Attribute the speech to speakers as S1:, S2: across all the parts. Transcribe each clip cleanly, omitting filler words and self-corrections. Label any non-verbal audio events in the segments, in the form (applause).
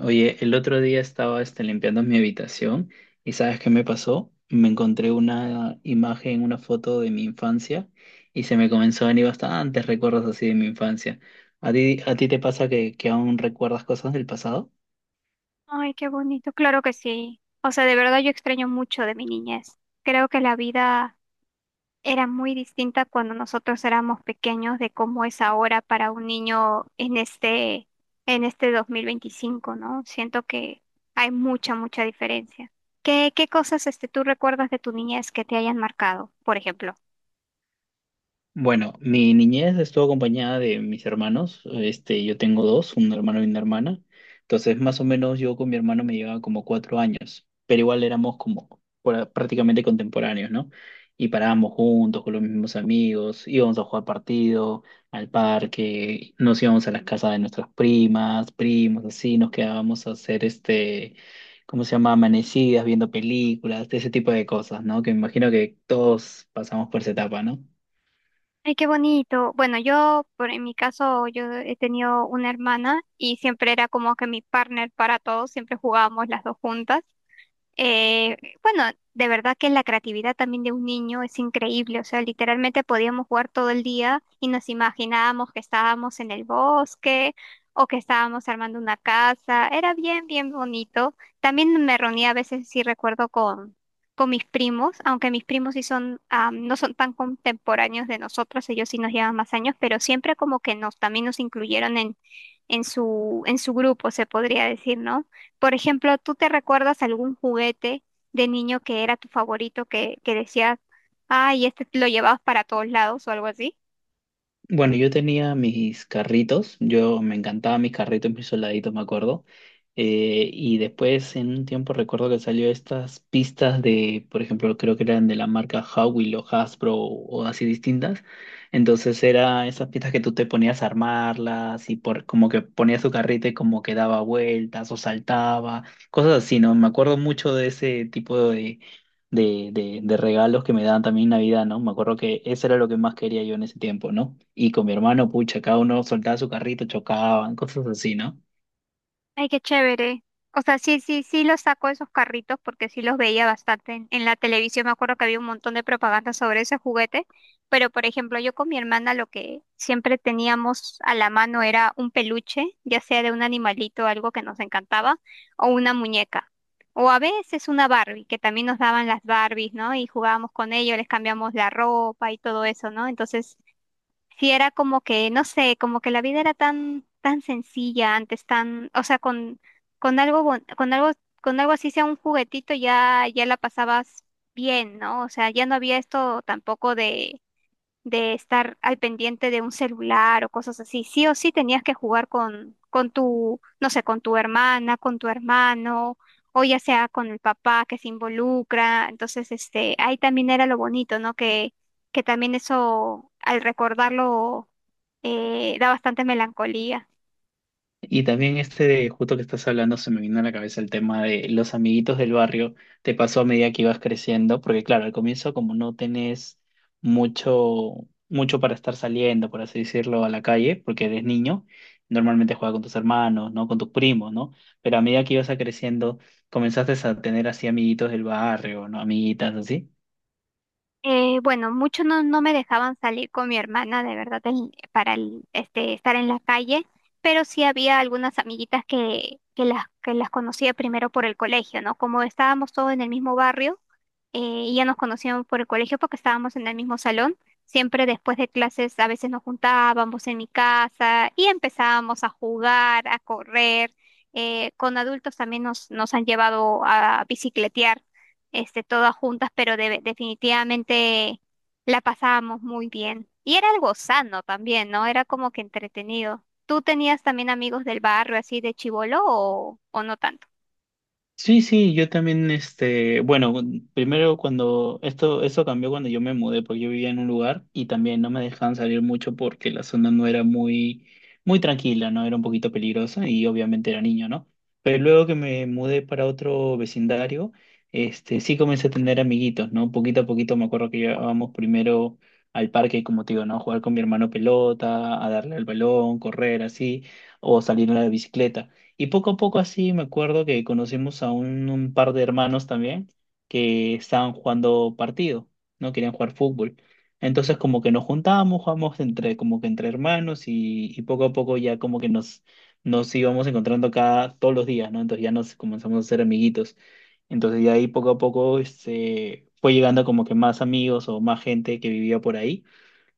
S1: Oye, el otro día estaba limpiando mi habitación y ¿sabes qué me pasó? Me encontré una imagen, una foto de mi infancia y se me comenzó a venir bastantes recuerdos así de mi infancia. A ti te pasa que aún recuerdas cosas del pasado?
S2: Ay, qué bonito, claro que sí. O sea, de verdad yo extraño mucho de mi niñez. Creo que la vida era muy distinta cuando nosotros éramos pequeños de cómo es ahora para un niño en este 2025, ¿no? Siento que hay mucha diferencia. ¿Qué cosas tú recuerdas de tu niñez que te hayan marcado, por ejemplo?
S1: Bueno, mi niñez estuvo acompañada de mis hermanos. Yo tengo dos, un hermano y una hermana. Entonces, más o menos yo con mi hermano me llevaba como cuatro años, pero igual éramos como prácticamente contemporáneos, ¿no? Y parábamos juntos con los mismos amigos, íbamos a jugar partido, al parque, nos íbamos a las casas de nuestras primas, primos, así, nos quedábamos a hacer ¿cómo se llama? Amanecidas, viendo películas, ese tipo de cosas, ¿no? Que me imagino que todos pasamos por esa etapa, ¿no?
S2: Ay, qué bonito. Bueno, en mi caso, yo he tenido una hermana y siempre era como que mi partner para todos, siempre jugábamos las dos juntas. Bueno, de verdad que la creatividad también de un niño es increíble, o sea, literalmente podíamos jugar todo el día y nos imaginábamos que estábamos en el bosque o que estábamos armando una casa, era bien bonito. También me reunía a veces, sí recuerdo, con mis primos, aunque mis primos sí son, ah, no son tan contemporáneos de nosotros, ellos sí nos llevan más años, pero siempre como que también nos incluyeron en su grupo, se podría decir, ¿no? Por ejemplo, ¿tú te recuerdas algún juguete de niño que era tu favorito que decías, ay, este lo llevabas para todos lados o algo así?
S1: Bueno, yo tenía mis carritos, yo me encantaba mis carritos, mis soldaditos, me acuerdo. Y después en un tiempo recuerdo que salió estas pistas de, por ejemplo, creo que eran de la marca Howie o Hasbro o así distintas. Entonces era esas pistas que tú te ponías a armarlas y por como que ponías tu carrito y como que daba vueltas o saltaba, cosas así, ¿no? Me acuerdo mucho de ese tipo de regalos que me daban también en Navidad, ¿no? Me acuerdo que eso era lo que más quería yo en ese tiempo, ¿no? Y con mi hermano, pucha, cada uno soltaba su carrito, chocaban, cosas así, ¿no?
S2: Ay, qué chévere. O sea, sí los saco esos carritos porque sí los veía bastante en la televisión. Me acuerdo que había un montón de propaganda sobre ese juguete. Pero, por ejemplo, yo con mi hermana lo que siempre teníamos a la mano era un peluche, ya sea de un animalito, algo que nos encantaba, o una muñeca. O a veces una Barbie, que también nos daban las Barbies, ¿no? Y jugábamos con ellos, les cambiamos la ropa y todo eso, ¿no? Entonces, sí era como que, no sé, como que la vida era tan sencilla antes, tan, o sea, con algo, bon- con algo así sea un juguetito ya, ya la pasabas bien, ¿no? O sea, ya no había esto tampoco de estar al pendiente de un celular o cosas así. Sí o sí tenías que jugar con tu, no sé, con tu hermana, con tu hermano, o ya sea con el papá que se involucra. Entonces, ahí también era lo bonito, ¿no? Que también eso, al recordarlo, da bastante melancolía.
S1: Y también justo que estás hablando, se me vino a la cabeza el tema de los amiguitos del barrio. Te pasó a medida que ibas creciendo, porque claro, al comienzo como no tenés mucho, mucho para estar saliendo, por así decirlo, a la calle, porque eres niño, normalmente juegas con tus hermanos, ¿no? Con tus primos, ¿no? Pero a medida que ibas a creciendo, comenzaste a tener así amiguitos del barrio, ¿no? Amiguitas así.
S2: Bueno, muchos no, no me dejaban salir con mi hermana, de verdad, para estar en la calle, pero sí había algunas amiguitas que las conocía primero por el colegio, ¿no? Como estábamos todos en el mismo barrio, y ya nos conocíamos por el colegio porque estábamos en el mismo salón. Siempre después de clases a veces nos juntábamos en mi casa y empezábamos a jugar, a correr. Con adultos también nos han llevado a bicicletear todas juntas, pero definitivamente la pasábamos muy bien. Y era algo sano también, ¿no? Era como que entretenido. ¿Tú tenías también amigos del barrio así de chibolo o no tanto?
S1: Sí, sí, yo también, bueno, primero cuando esto cambió cuando yo me mudé, porque yo vivía en un lugar y también no me dejaban salir mucho porque la zona no era muy tranquila, ¿no? Era un poquito peligrosa y obviamente era niño, ¿no? Pero luego que me mudé para otro vecindario, sí comencé a tener amiguitos, ¿no? Poquito a poquito me acuerdo que íbamos primero al parque, como te digo, ¿no? A jugar con mi hermano pelota, a darle al balón, correr así, o salir a la bicicleta. Y poco a poco así me acuerdo que conocimos a un par de hermanos también que estaban jugando partido, no querían jugar fútbol. Entonces como que nos juntábamos, jugábamos entre, como que entre hermanos y poco a poco ya como que nos íbamos encontrando cada, todos los días, ¿no? Entonces ya nos comenzamos a hacer amiguitos. Entonces de ahí poco a poco fue llegando como que más amigos o más gente que vivía por ahí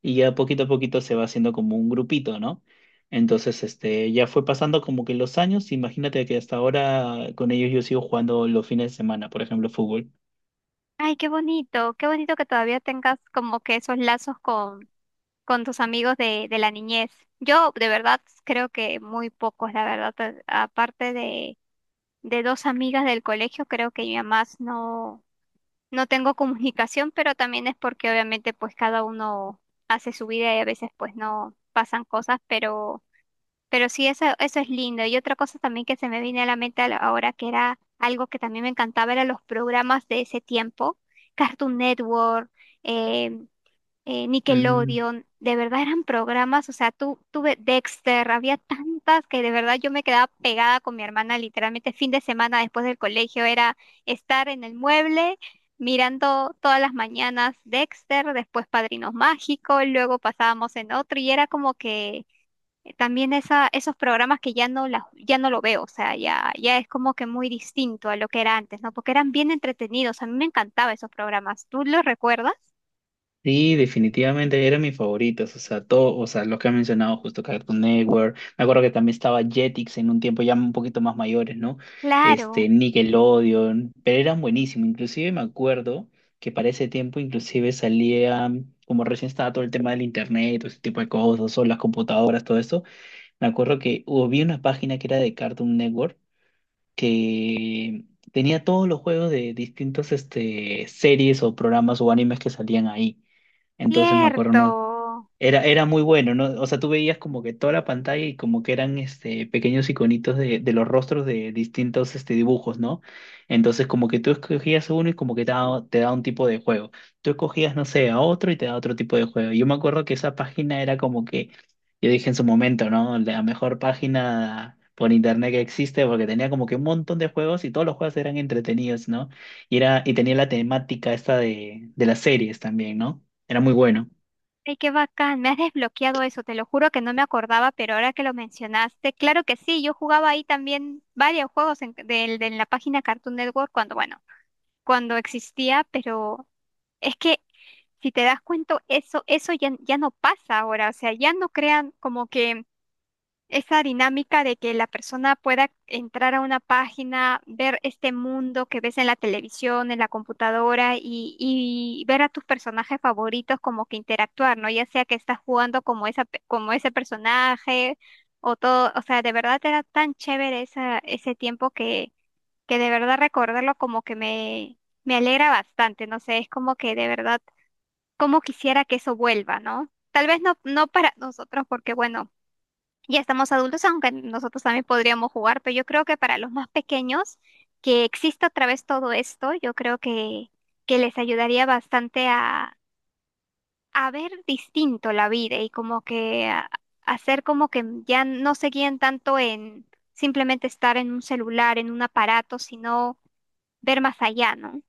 S1: y ya poquito a poquito se va haciendo como un grupito, ¿no? Entonces, ya fue pasando como que los años, imagínate que hasta ahora con ellos yo sigo jugando los fines de semana, por ejemplo, fútbol.
S2: Ay, qué bonito que todavía tengas como que esos lazos con tus amigos de la niñez. Yo de verdad creo que muy pocos, la verdad, aparte de dos amigas del colegio, creo que ya más no no tengo comunicación, pero también es porque obviamente pues cada uno hace su vida y a veces pues no pasan cosas, pero sí, eso es lindo. Y otra cosa también que se me viene a la mente ahora, que era algo que también me encantaba, eran los programas de ese tiempo, Cartoon Network, eh,
S1: Mm.
S2: Nickelodeon, de verdad eran programas, o sea, tú tuve Dexter, había tantas que de verdad yo me quedaba pegada con mi hermana, literalmente fin de semana después del colegio era estar en el mueble mirando todas las mañanas Dexter, después Padrinos Mágicos, luego pasábamos en otro y era como que esos programas que ya no lo veo, o sea, ya es como que muy distinto a lo que era antes, ¿no? Porque eran bien entretenidos, a mí me encantaban esos programas, ¿tú los recuerdas?
S1: Sí, definitivamente eran mis favoritos, o sea, todo, o sea, los que han mencionado justo Cartoon Network, me acuerdo que también estaba Jetix en un tiempo ya un poquito más mayores, ¿no?
S2: Claro.
S1: Nickelodeon, pero eran buenísimos, inclusive me acuerdo que para ese tiempo inclusive salía, como recién estaba todo el tema del internet, todo ese tipo de cosas, o las computadoras, todo eso, me acuerdo que había una página que era de Cartoon Network que tenía todos los juegos de distintos, series o programas o animes que salían ahí. Entonces me acuerdo, no,
S2: Cierto.
S1: era muy bueno, ¿no? O sea, tú veías como que toda la pantalla y como que eran pequeños iconitos de los rostros de distintos dibujos, ¿no? Entonces, como que tú escogías uno y como que te da un tipo de juego. Tú escogías, no sé, a otro y te da otro tipo de juego. Yo me acuerdo que esa página era como que, yo dije en su momento, ¿no? La mejor página por internet que existe porque tenía como que un montón de juegos y todos los juegos eran entretenidos, ¿no? Y, era, y tenía la temática esta de las series también, ¿no? Era muy bueno.
S2: Ay, qué bacán. Me has desbloqueado eso. Te lo juro que no me acordaba, pero ahora que lo mencionaste, claro que sí. Yo jugaba ahí también varios juegos de la página Cartoon Network cuando, bueno, cuando existía, pero es que si te das cuenta, eso ya, ya no pasa ahora. O sea, ya no crean como que esa dinámica de que la persona pueda entrar a una página, ver este mundo que ves en la televisión, en la computadora y ver a tus personajes favoritos como que interactuar, ¿no? Ya sea que estás jugando como como ese personaje o todo, o sea, de verdad era tan chévere ese tiempo que de verdad recordarlo como que me alegra bastante, no sé, es como que de verdad, como quisiera que eso vuelva, ¿no? Tal vez no, no para nosotros, porque bueno. Ya estamos adultos, aunque nosotros también podríamos jugar, pero yo creo que para los más pequeños, que exista otra vez todo esto, yo creo que les ayudaría bastante a ver distinto la vida y como que a, hacer como que ya no se guíen tanto en simplemente estar en un celular, en un aparato, sino ver más allá, ¿no?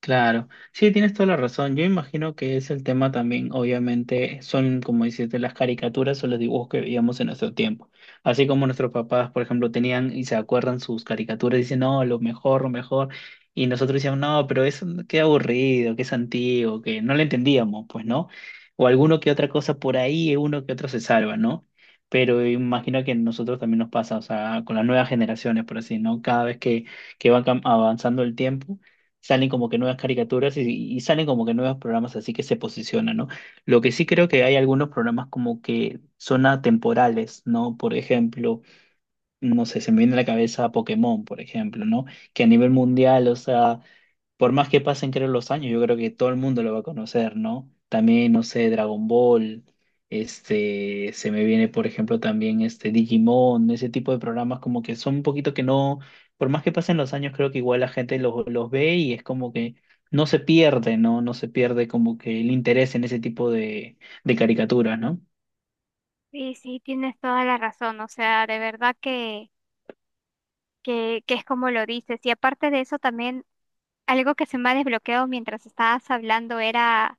S1: Claro, sí, tienes toda la razón. Yo imagino que es el tema también, obviamente, son, como dices, de las caricaturas o los dibujos que veíamos en nuestro tiempo. Así como nuestros papás, por ejemplo, tenían y se acuerdan sus caricaturas dicen, no, lo mejor, lo mejor. Y nosotros decíamos, no, pero eso qué aburrido, qué es antiguo, que no lo entendíamos, pues, ¿no? O alguno que otra cosa por ahí, uno que otro se salva, ¿no? Pero imagino que a nosotros también nos pasa, o sea, con las nuevas generaciones, por así, ¿no? Cada vez que avanzando el tiempo salen como que nuevas caricaturas y salen como que nuevos programas así que se posicionan, ¿no? Lo que sí creo que hay algunos programas como que son atemporales, ¿no? Por ejemplo, no sé, se me viene a la cabeza Pokémon, por ejemplo, ¿no? Que a nivel mundial, o sea por más que pasen, creo, los años, yo creo que todo el mundo lo va a conocer, ¿no? También, no sé, Dragon Ball, se me viene, por ejemplo, también este Digimon, ese tipo de programas como que son un poquito que no, por más que pasen los años, creo que igual la gente los ve y es como que no se pierde, ¿no? No se pierde como que el interés en ese tipo de caricaturas, ¿no?
S2: Sí, sí, tienes toda la razón, o sea, de verdad que, que es como lo dices. Y aparte de eso, también algo que se me ha desbloqueado mientras estabas hablando era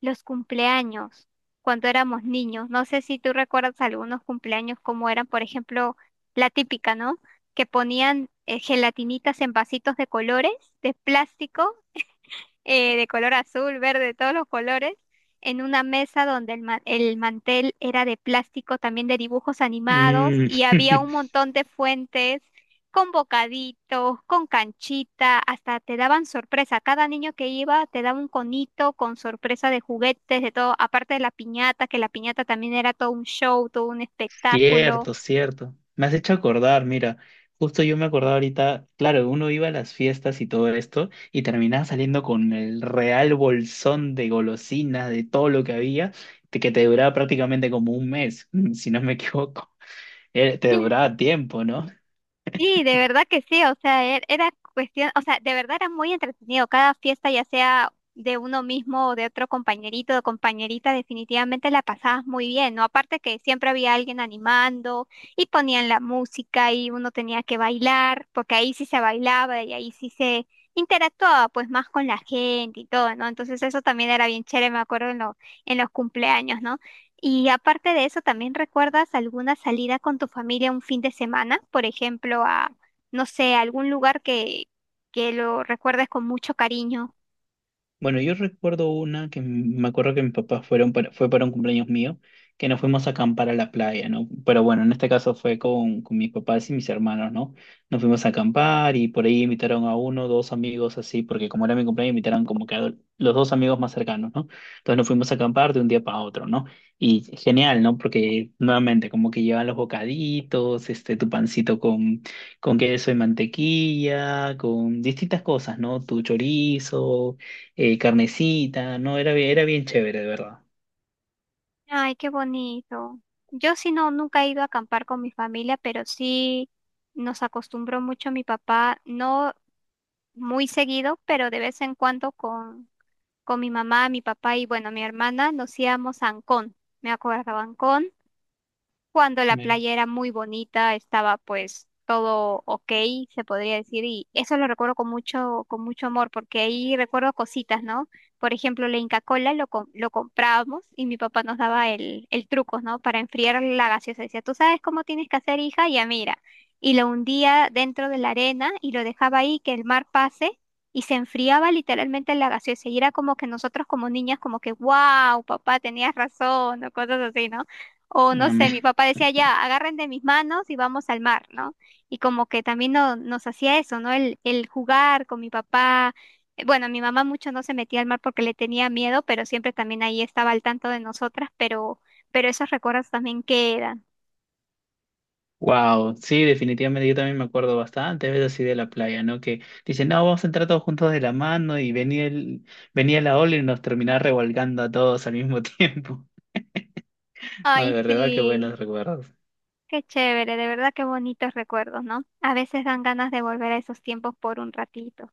S2: los cumpleaños, cuando éramos niños. No sé si tú recuerdas algunos cumpleaños como eran, por ejemplo, la típica, ¿no? Que ponían gelatinitas en vasitos de colores, de plástico, de color azul, verde, todos los colores, en una mesa donde el mantel era de plástico, también de dibujos animados,
S1: Mm.
S2: y había un
S1: (laughs)
S2: montón de fuentes con bocaditos, con canchita, hasta te daban sorpresa. Cada niño que iba te daba un conito con sorpresa de juguetes, de todo, aparte de la piñata, que la piñata también era todo un show, todo un espectáculo.
S1: Cierto, cierto. Me has hecho acordar, mira, justo yo me acordaba ahorita, claro, uno iba a las fiestas y todo esto y terminaba saliendo con el real bolsón de golosinas, de todo lo que había, que te duraba prácticamente como un mes, (laughs) si no me equivoco. Te duraba tiempo, ¿no?
S2: Sí, de verdad que sí, o sea, era cuestión, o sea, de verdad era muy entretenido. Cada fiesta, ya sea de uno mismo o de otro compañerito o compañerita, definitivamente la pasabas muy bien, ¿no? Aparte que siempre había alguien animando y ponían la música y uno tenía que bailar, porque ahí sí se bailaba y ahí sí se interactuaba pues más con la gente y todo, ¿no? Entonces eso también era bien chévere, me acuerdo en los cumpleaños, ¿no? Y aparte de eso, ¿también recuerdas alguna salida con tu familia un fin de semana? Por ejemplo, a, no sé, a algún lugar que lo recuerdes con mucho cariño.
S1: Bueno, yo recuerdo una que me acuerdo que mis papás fueron fue para un cumpleaños mío, que nos fuimos a acampar a la playa, ¿no? Pero bueno, en este caso fue con mis papás y mis hermanos, ¿no? Nos fuimos a acampar y por ahí invitaron a uno, dos amigos así, porque como era mi cumpleaños, invitaron como que a los dos amigos más cercanos, ¿no? Entonces nos fuimos a acampar de un día para otro, ¿no? Y genial, ¿no? Porque nuevamente, como que llevan los bocaditos, tu pancito con queso y mantequilla, con distintas cosas, ¿no? Tu chorizo carnecita, no, era, era bien chévere, de verdad.
S2: Ay, qué bonito. Yo sí no, nunca he ido a acampar con mi familia, pero sí nos acostumbró mucho mi papá, no muy seguido, pero de vez en cuando con mi mamá, mi papá y bueno, mi hermana nos íbamos a Ancón. Me acuerdo, Ancón cuando la
S1: Mira,
S2: playa era muy bonita, estaba pues todo ok, se podría decir, y eso lo recuerdo con mucho amor, porque ahí recuerdo cositas, ¿no? Por ejemplo, la Inca Kola lo comprábamos y mi papá nos daba el truco, ¿no? Para enfriar la gaseosa. Decía, tú sabes cómo tienes que hacer, hija, ya mira. Y lo hundía dentro de la arena y lo dejaba ahí que el mar pase y se enfriaba literalmente la gaseosa. Y era como que nosotros como niñas, como que, wow, papá, tenías razón, o cosas así, ¿no? O no
S1: ah,
S2: sé, mi papá decía ya, agarren de mis manos y vamos al mar, ¿no? Y como que también nos hacía eso, ¿no? El jugar con mi papá. Bueno, mi mamá mucho no se metía al mar porque le tenía miedo, pero siempre también ahí estaba al tanto de nosotras, pero esos recuerdos también quedan.
S1: wow, (laughs) sí, definitivamente yo también me acuerdo bastante veces así de la playa, ¿no? Que dicen, no, vamos a entrar todos juntos de la mano y venía venía la ola y nos terminaba revolcando a todos al mismo tiempo. (laughs) No, de
S2: Ay,
S1: verdad que
S2: sí,
S1: buenos recuerdos.
S2: qué chévere, de verdad qué bonitos recuerdos, ¿no? A veces dan ganas de volver a esos tiempos por un ratito.